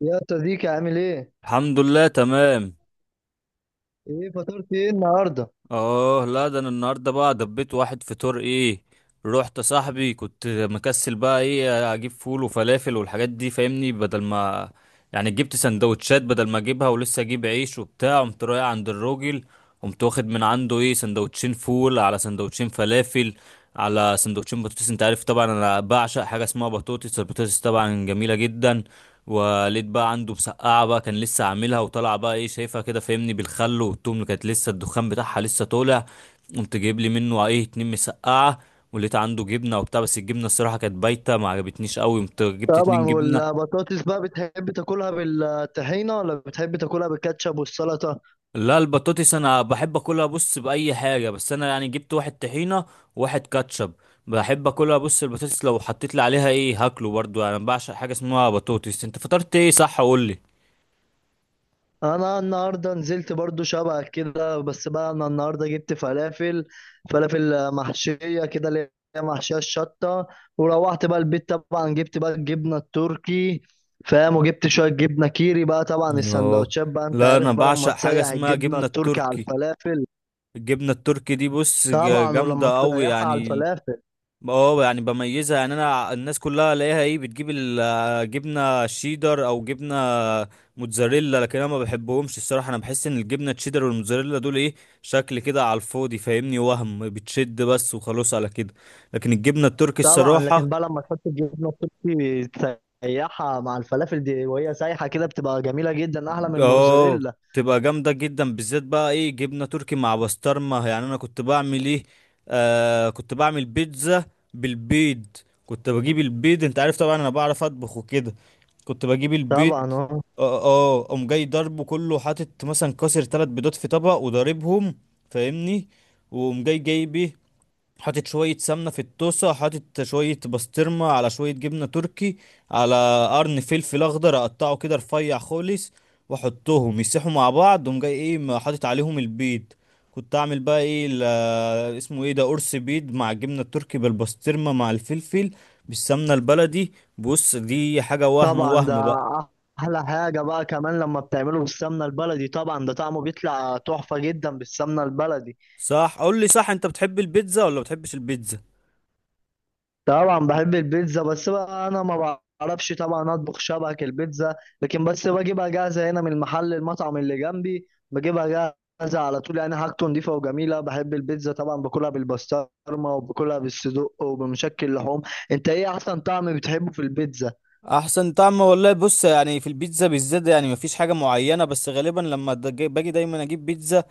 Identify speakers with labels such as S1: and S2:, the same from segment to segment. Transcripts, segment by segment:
S1: يا صديقي عامل ايه؟
S2: الحمد لله، تمام.
S1: ايه فطرت ايه النهارده؟
S2: اه لا، ده انا النهارده بقى دبيت واحد فطور ايه. رحت صاحبي، كنت مكسل بقى ايه اجيب فول وفلافل والحاجات دي فاهمني، بدل ما يعني جبت سندوتشات، بدل ما اجيبها ولسه اجيب عيش وبتاع، قمت رايح عند الراجل. قمت واخد من عنده ايه سندوتشين فول على سندوتشين فلافل على سندوتشين بطاطس. انت عارف طبعا انا بعشق حاجه اسمها بطاطس، البطاطس طبعا جميله جدا. ولقيت بقى عنده مسقعه بقى، كان لسه عاملها وطالعه بقى ايه، شايفها كده فاهمني، بالخل والتوم، اللي كانت لسه الدخان بتاعها لسه طالع. قمت جايب لي منه ايه 2 مسقعه. ولقيت عنده جبنه وبتاع، بس الجبنه الصراحه كانت بايته ما عجبتنيش قوي، قمت جبت
S1: طبعا
S2: 2 جبنه.
S1: والبطاطس بقى بتحب تاكلها بالطحينة ولا بتحب تاكلها بالكاتشب والسلطة؟
S2: لا البطاطس انا بحب اكلها بص باي حاجه، بس انا يعني جبت واحد طحينه وواحد كاتشب. بحب اكلها بص، البطاطس لو حطيت لي عليها ايه هاكله، برضو انا بعشق حاجه اسمها بطاطس. انت فطرت ايه؟ صح قول لي.
S1: انا النهارده نزلت برضو شبهك كده، بس بقى انا النهارده جبت فلافل محشية كده، اللي هي محشية الشطة. وروحت بقى البيت، طبعا جبت بقى الجبنة التركي، فاهم، وجبت شوية جبنة كيري بقى. طبعا
S2: اه
S1: السندوتشات بقى انت
S2: لا،
S1: عارف
S2: انا
S1: بقى لما
S2: بعشق حاجه
S1: تسيح
S2: اسمها
S1: الجبنة
S2: جبنه
S1: التركي على
S2: التركي.
S1: الفلافل.
S2: الجبنه التركي دي بص
S1: طبعا. ولما
S2: جامده قوي
S1: تسيحها على
S2: يعني.
S1: الفلافل،
S2: اه يعني بميزها، يعني انا الناس كلها الاقيها ايه بتجيب الجبنه شيدر او جبنه موتزاريلا، لكن انا ما بحبهمش الصراحه، انا بحس ان الجبنه الشيدر والموتزاريلا دول ايه شكل كده على الفاضي فاهمني، وهم بتشد بس وخلاص على كده. لكن الجبنه التركي
S1: طبعا لكن
S2: الصراحه،
S1: بقى لما تحط الجبنه التركي تسيحها مع الفلافل دي وهي سايحه كده بتبقى جميله جدا، احلى من
S2: اه
S1: الموتزاريلا.
S2: تبقى جامدة جدا بالذات بقى ايه جبنة تركي مع بسطرمة. يعني انا كنت بعمل ايه، آه كنت بعمل بيتزا بالبيض. كنت بجيب البيض، انت عارف طبعا انا بعرف اطبخ وكده. كنت بجيب البيض،
S1: طبعا. اه.
S2: اه اه قوم جاي ضربه كله، حاطط مثلا كسر 3 بيضات في طبق وضاربهم فاهمني. وقوم جاي جايب ايه، حاطط شوية سمنة في الطاسة، حاطط شوية بسطرمة على شوية جبنة تركي، على قرن فلفل أخضر أقطعه كده رفيع خالص، وأحطهم يسيحوا مع بعض، وأقوم جاي إيه حاطط عليهم البيض. كنت أعمل بقى إيه اسمه إيه ده، قرص بيض مع الجبنة التركي بالبسطرمة مع الفلفل بالسمنة البلدي. بص دي حاجة وهم
S1: طبعا ده
S2: وهم بقى.
S1: احلى حاجه بقى، كمان لما بتعمله بالسمنه البلدي طبعا ده طعمه بيطلع تحفه جدا بالسمنه البلدي.
S2: صح قول لي صح، أنت بتحب البيتزا ولا بتحبش البيتزا؟
S1: طبعا بحب البيتزا، بس بقى انا ما بعرفش طبعا اطبخ شبك البيتزا، لكن بس بجيبها جاهزه هنا من المحل، المطعم اللي جنبي بجيبها جاهزه على طول، يعني حاجته نضيفه وجميله. بحب البيتزا طبعا، باكلها بالبسطرمه وباكلها بالصدق وبمشكل لحوم. انت ايه احسن طعم بتحبه في البيتزا؟
S2: احسن طعم والله بص، يعني في البيتزا بالذات يعني مفيش حاجه معينه، بس غالبا لما باجي دايما اجيب بيتزا.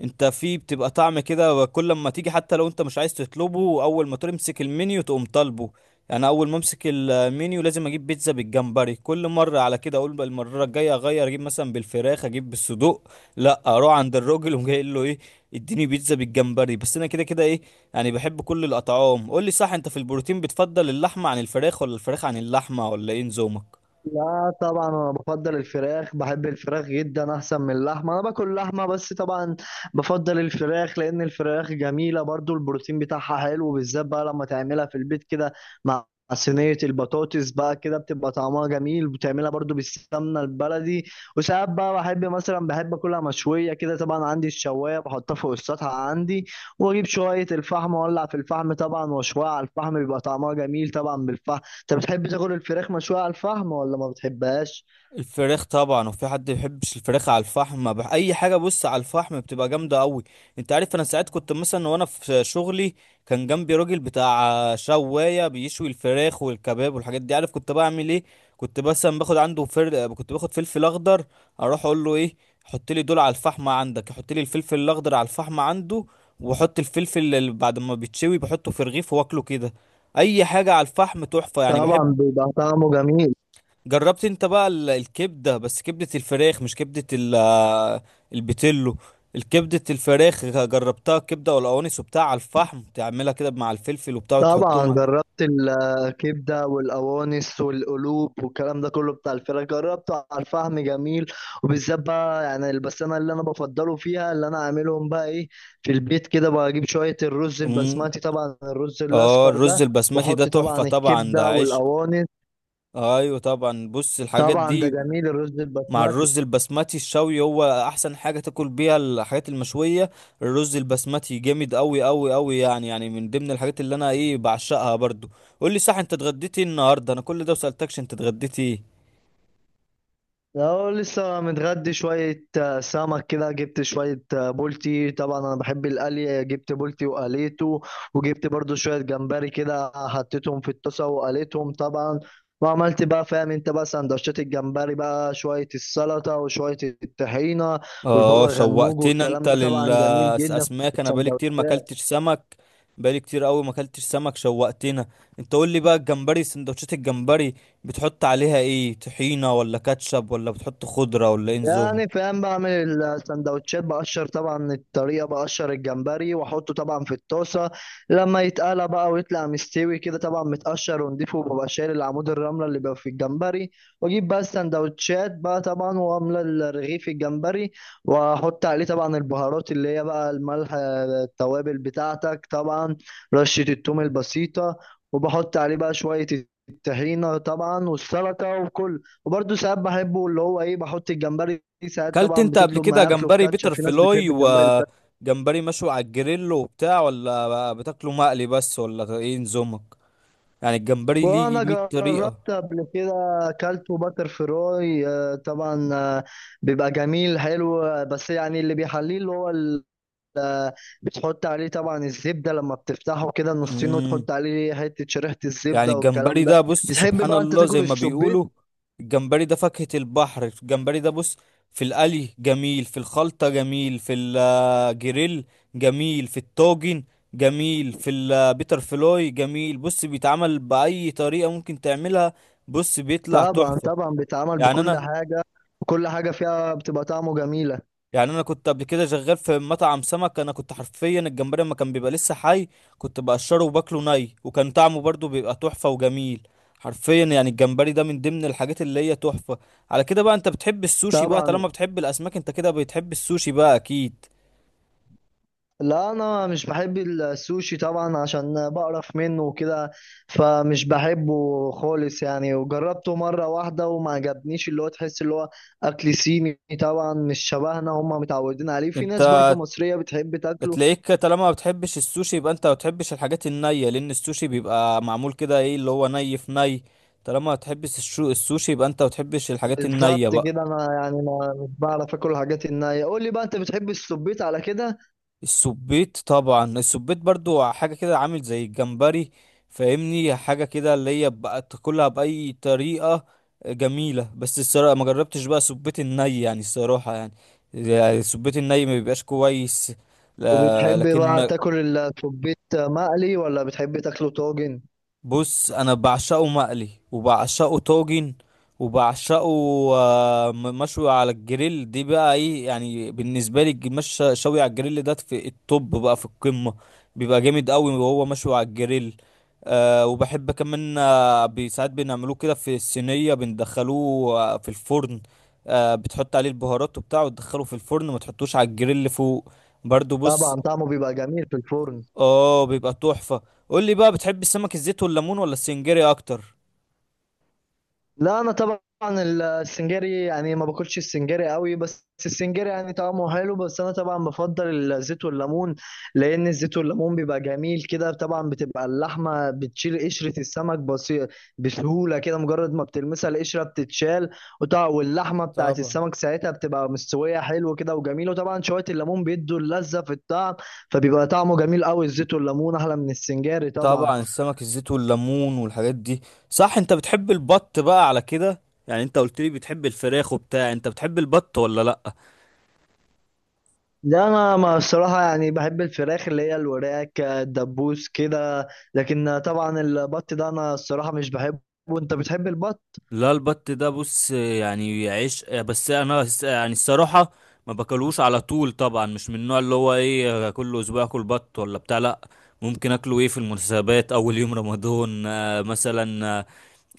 S2: انت في بتبقى طعم كده، وكل ما تيجي حتى لو انت مش عايز تطلبه، اول ما تمسك المنيو تقوم طالبه. يعني اول ما امسك المنيو لازم اجيب بيتزا بالجمبري. كل مره على كده اقول بقى المره الجايه اغير اجيب مثلا بالفراخ، اجيب بالصدوق، لا اروح عند الراجل وجاي له ايه اديني بيتزا بالجمبري، بس انا كده كده ايه يعني بحب كل الأطعام. قول لي صح، أنت في البروتين بتفضل اللحمة عن الفراخ ولا الفراخ عن اللحمة، ولا إيه نظامك؟
S1: لا طبعا انا بفضل الفراخ، بحب الفراخ جدا احسن من اللحمه. انا باكل لحمه بس طبعا بفضل الفراخ، لان الفراخ جميله، برضو البروتين بتاعها حلو، بالذات بقى لما تعملها في البيت كده مع صينيه البطاطس بقى، كده بتبقى طعمها جميل، بتعملها برضو بالسمنه البلدي. وساعات بقى بحب اكلها مشويه كده طبعا، عندي الشوايه بحطها فوق السطح عندي، واجيب شويه الفحم واولع في الفحم طبعا واشويها على الفحم، بيبقى طعمها جميل طبعا بالفحم. انت بتحب تاكل الفراخ مشوية على الفحم ولا ما بتحبهاش؟
S2: الفراخ طبعا. وفي حد ما بيحبش الفراخ على الفحم؟ اي حاجه بص على الفحم بتبقى جامده قوي. انت عارف انا ساعات كنت مثلا وانا في شغلي كان جنبي راجل بتاع شوايه بيشوي الفراخ والكباب والحاجات دي، عارف كنت بعمل ايه؟ كنت مثلا باخد عنده كنت باخد فلفل اخضر، اروح اقول له ايه حط لي دول على الفحم عندك، حط لي الفلفل الاخضر على الفحم عنده. وحط الفلفل اللي بعد ما بيتشوي بحطه في رغيف واكله كده. اي حاجه على الفحم تحفه، يعني بحب.
S1: طبعا بيبقى طعمه جميل.
S2: جربت انت بقى الكبدة، بس كبدة الفراخ مش كبدة البتلو. الكبدة الفراخ جربتها، كبدة والقوانص وبتاع على الفحم، تعملها كده مع الفلفل وبتاع
S1: طبعا
S2: وتحطهم على...
S1: جربت الكبدة والقوانص والقلوب والكلام ده كله بتاع الفراخ، جربته على الفحم، جميل. وبالذات بقى يعني بس انا اللي انا بفضله فيها اللي انا عاملهم بقى ايه في البيت كده، بجيب شوية الرز
S2: مم.
S1: البسمتي طبعا، الرز
S2: اه
S1: الاصفر ده،
S2: الرز البسمتي ده
S1: واحط
S2: تحفة،
S1: طبعا
S2: طبعا ده
S1: الكبدة
S2: عشق.
S1: والقوانص.
S2: ايوه طبعا بص الحاجات
S1: طبعا ده
S2: دي
S1: جميل الرز
S2: مع
S1: البسمتي.
S2: الرز البسمتي الشوي هو احسن حاجه تاكل بيها الحاجات المشويه. الرز البسمتي جامد قوي قوي قوي، يعني من ضمن الحاجات اللي انا ايه بعشقها برضو. قول لي صح، انت اتغديتي إيه النهارده؟ انا كل ده وسالتكش انت اتغديتي ايه.
S1: لو لسه متغدي شوية، سمك كده، جبت شوية، بولتي طبعا، أنا بحب القلي، جبت بولتي وقليته. وجبت برضو شوية جمبري كده، حطيتهم في الطاسة وقليتهم طبعا، وعملت بقى فاهم انت بقى سندوتشات الجمبري بقى، شوية السلطة وشوية الطحينة
S2: اه
S1: والبابا غنوج
S2: شوقتنا انت
S1: والكلام ده، طبعا جميل جدا في
S2: للاسماك، انا بقالي
S1: السندوتشات.
S2: كتير ما اكلتش سمك. بقالي كتير قوي ما اكلتش سمك، شوقتنا انت. قول لي بقى الجمبري، سندوتشات الجمبري بتحط عليها ايه، طحينه ولا كاتشب، ولا بتحط خضره، ولا ايه نظام؟
S1: يعني فاهم، بعمل السندوتشات بقشر طبعا، الطريقة بقشر الجمبري واحطه طبعا في الطاسة، لما يتقلى بقى ويطلع مستوي كده طبعا متقشر ونضيفه، وببقى شايل العمود الرملة اللي بيبقى في الجمبري، واجيب بقى السندوتشات بقى طبعا واملى الرغيف الجمبري، واحط عليه طبعا البهارات اللي هي بقى الملح، التوابل بتاعتك طبعا، رشة التوم البسيطة، وبحط عليه بقى شوية الطحينة طبعا والسلطة وكل. وبرده ساعات بحبه اللي هو ايه، بحط الجمبري، ساعات
S2: كلت
S1: طبعا
S2: انت قبل
S1: بتطلب
S2: كده
S1: معاه اكله
S2: جمبري
S1: بكاتشب،
S2: بيتر
S1: في ناس
S2: فلوي
S1: بتحب الجمبري بالكاتشب.
S2: وجمبري مشوي على الجريل وبتاع، ولا بتاكله مقلي بس، ولا ايه نظامك؟ يعني الجمبري ليه
S1: وانا
S2: 100 طريقة.
S1: جربت قبل كده، اكلته باتر فراي طبعا، بيبقى جميل حلو، بس يعني اللي بيحليه اللي هو بتحط عليه طبعا الزبده لما بتفتحه كده نصين
S2: امم،
S1: وتحط عليه حته شريحه
S2: يعني
S1: الزبده
S2: الجمبري
S1: والكلام
S2: ده
S1: ده.
S2: بص
S1: بتحب
S2: سبحان
S1: بقى انت
S2: الله زي
S1: تاكل
S2: ما
S1: السبيت؟
S2: بيقولوا الجمبري ده فاكهة البحر. الجمبري ده بص في القلي جميل، في الخلطة جميل، في الجريل جميل، في الطاجن جميل، في البيتر فلوي جميل. بص بيتعمل بأي طريقة ممكن تعملها، بص بيطلع
S1: طبعا
S2: تحفة.
S1: طبعا بيتعمل
S2: يعني
S1: بكل
S2: انا
S1: حاجه، كل حاجه فيها بتبقى طعمه جميله.
S2: كنت قبل كده شغال في مطعم سمك. انا كنت حرفيا الجمبري لما كان بيبقى لسه حي كنت بقشره وباكله ني، وكان طعمه برضو بيبقى تحفة وجميل. حرفيا يعني الجمبري ده من ضمن الحاجات اللي هي تحفة. على كده بقى انت بتحب السوشي بقى،
S1: طبعا.
S2: طالما بتحب الاسماك انت كده بتحب السوشي بقى اكيد.
S1: لا انا مش بحب السوشي طبعا عشان بقرف منه وكده، فمش بحبه خالص يعني، وجربته مره واحده وما عجبنيش. اللي هو تحس اللي هو اكل صيني طبعا، مش شبهنا، هم متعودين عليه، في
S2: انت
S1: ناس برضو مصريه بتحب تاكله.
S2: تلاقيك طالما ما بتحبش السوشي يبقى انت ما بتحبش الحاجات النية، لان السوشي بيبقى معمول كده ايه اللي هو ني في ني. طالما ما بتحبش السوشي يبقى انت ما بتحبش الحاجات النية
S1: بالظبط
S2: بقى.
S1: كده، انا يعني ما مش بعرف اكل الحاجات النيه. قول لي بقى، انت بتحب السبيت على كده؟
S2: السبيت طبعا، السبيت برضو حاجة كده عامل زي الجمبري فاهمني، حاجة كده اللي هي بقى تاكلها بأي طريقة جميلة. بس الصراحة ما جربتش بقى سبيت الني، يعني الصراحة يعني، يعني السبيت الني ما بيبقاش كويس، لا.
S1: وبتحب بقى
S2: لكن
S1: تاكل السبيت مقلي ولا بتحب تاكله طاجن؟
S2: بص انا بعشقه مقلي، وبعشقه طاجن، وبعشقه مشوي على الجريل. دي بقى ايه يعني بالنسبه لي مش شوي على الجريل ده في التوب بقى، في القمه، بيبقى جامد قوي وهو مشوي على الجريل. أه وبحب كمان ساعات بنعملوه كده في الصينيه، بندخلوه في الفرن. أه بتحط عليه البهارات وبتاع وتدخله في الفرن، ما تحطوش على الجريل فوق، برضو بص.
S1: طبعا طعمه بيبقى جميل في الفرن.
S2: اه بيبقى تحفة. قول لي بقى، بتحب السمك الزيت والليمون ولا السنجاري اكتر؟
S1: لا انا طبعا السنجاري يعني ما باكلش السنجاري قوي، بس السنجاري يعني طعمه حلو، بس انا طبعا بفضل الزيت والليمون، لان الزيت والليمون بيبقى جميل كده طبعا، بتبقى اللحمه بتشيل قشره السمك بسهوله كده، مجرد ما بتلمسها القشره بتتشال، وطبعا واللحمه بتاعت
S2: طبعا
S1: السمك ساعتها بتبقى مستويه حلو كده وجميل، وطبعا شويه الليمون بيدوا اللذه في الطعم، فبيبقى طعمه جميل قوي، الزيت والليمون احلى من السنجاري طبعا.
S2: طبعا السمك الزيت والليمون والحاجات دي. صح انت بتحب البط بقى على كده؟ يعني انت قلت لي بتحب الفراخ وبتاع، انت بتحب البط ولا لا؟
S1: لا انا ما الصراحه يعني بحب الفراخ اللي هي الوراك الدبوس كده، لكن طبعا البط ده انا الصراحه مش بحبه. وانت بتحب البط؟
S2: لا البط ده بص يعني عيش، بس انا يعني الصراحة ما باكلوش على طول، طبعا مش من النوع اللي هو ايه كل اسبوع اكل بط ولا بتاع، لا. ممكن اكله ايه في المناسبات، اول يوم رمضان مثلا، آه،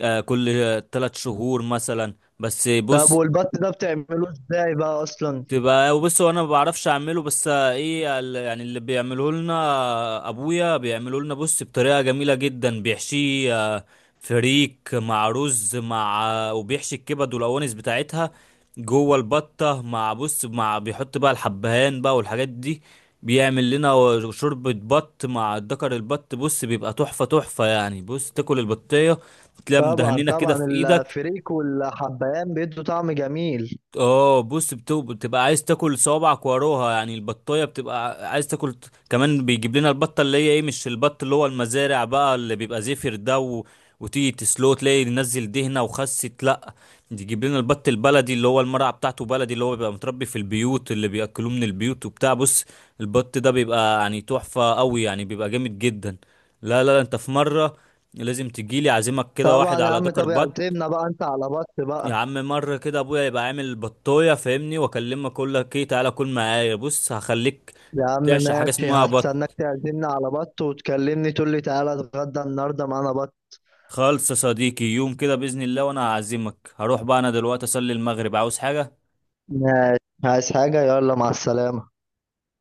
S2: آه، كل 3 شهور مثلا. بس
S1: طب
S2: بص،
S1: والبط ده بتعمله ازاي بقى اصلا؟
S2: تبقى بص هو انا ما بعرفش اعمله، بس ايه يعني اللي بيعمله لنا ابويا بيعمله لنا بص بطريقه جميله جدا، بيحشيه فريك مع رز مع وبيحشي الكبد والاوانس بتاعتها جوه البطه، مع بص مع بيحط بقى الحبهان بقى والحاجات دي. بيعمل لنا شوربة بط مع الدكر البط. بص بيبقى تحفة تحفة، يعني بص تاكل البطية تلاقيها
S1: طبعا
S2: مدهنينة كده
S1: طبعا
S2: في ايدك.
S1: الفريك والحبهان بيدوا طعم جميل.
S2: اه بص بتبقى عايز تاكل صوابعك وراها، يعني البطايه بتبقى عايز تاكل كمان. بيجيب لنا البطه اللي هي ايه، مش البط اللي هو المزارع بقى اللي بيبقى زفر ده، و... وتيجي تسلو تلاقي نزل دهنه وخست، لا. يجيب لنا البط البلدي اللي هو المرعى بتاعته بلدي، اللي هو بيبقى متربي في البيوت اللي بياكلوه من البيوت وبتاع. بص البط ده بيبقى يعني تحفه قوي، يعني بيبقى جامد جدا. لا لا لا، انت في مره لازم تجيلي، اعزمك كده
S1: طبعا
S2: واحد
S1: يا
S2: على
S1: عم،
S2: ذكر
S1: طب
S2: بط.
S1: اعزمنا بقى انت على بط
S2: يا
S1: بقى.
S2: عم مرة كده ابويا يبقى عامل بطاية فاهمني، واكلمك اقول لك ايه تعالى كل معايا، بص هخليك
S1: يا عم
S2: تعشق حاجة
S1: ماشي،
S2: اسمها
S1: هستناك
S2: بط.
S1: تعزمنا على بط وتكلمني تقول لي تعالى اتغدى النهارده معانا بط.
S2: خالص يا صديقي، يوم كده بإذن الله وانا هعزمك. هروح بقى انا دلوقتي اصلي المغرب، عاوز حاجة؟
S1: ماشي، عايز حاجه؟ يلا مع السلامه.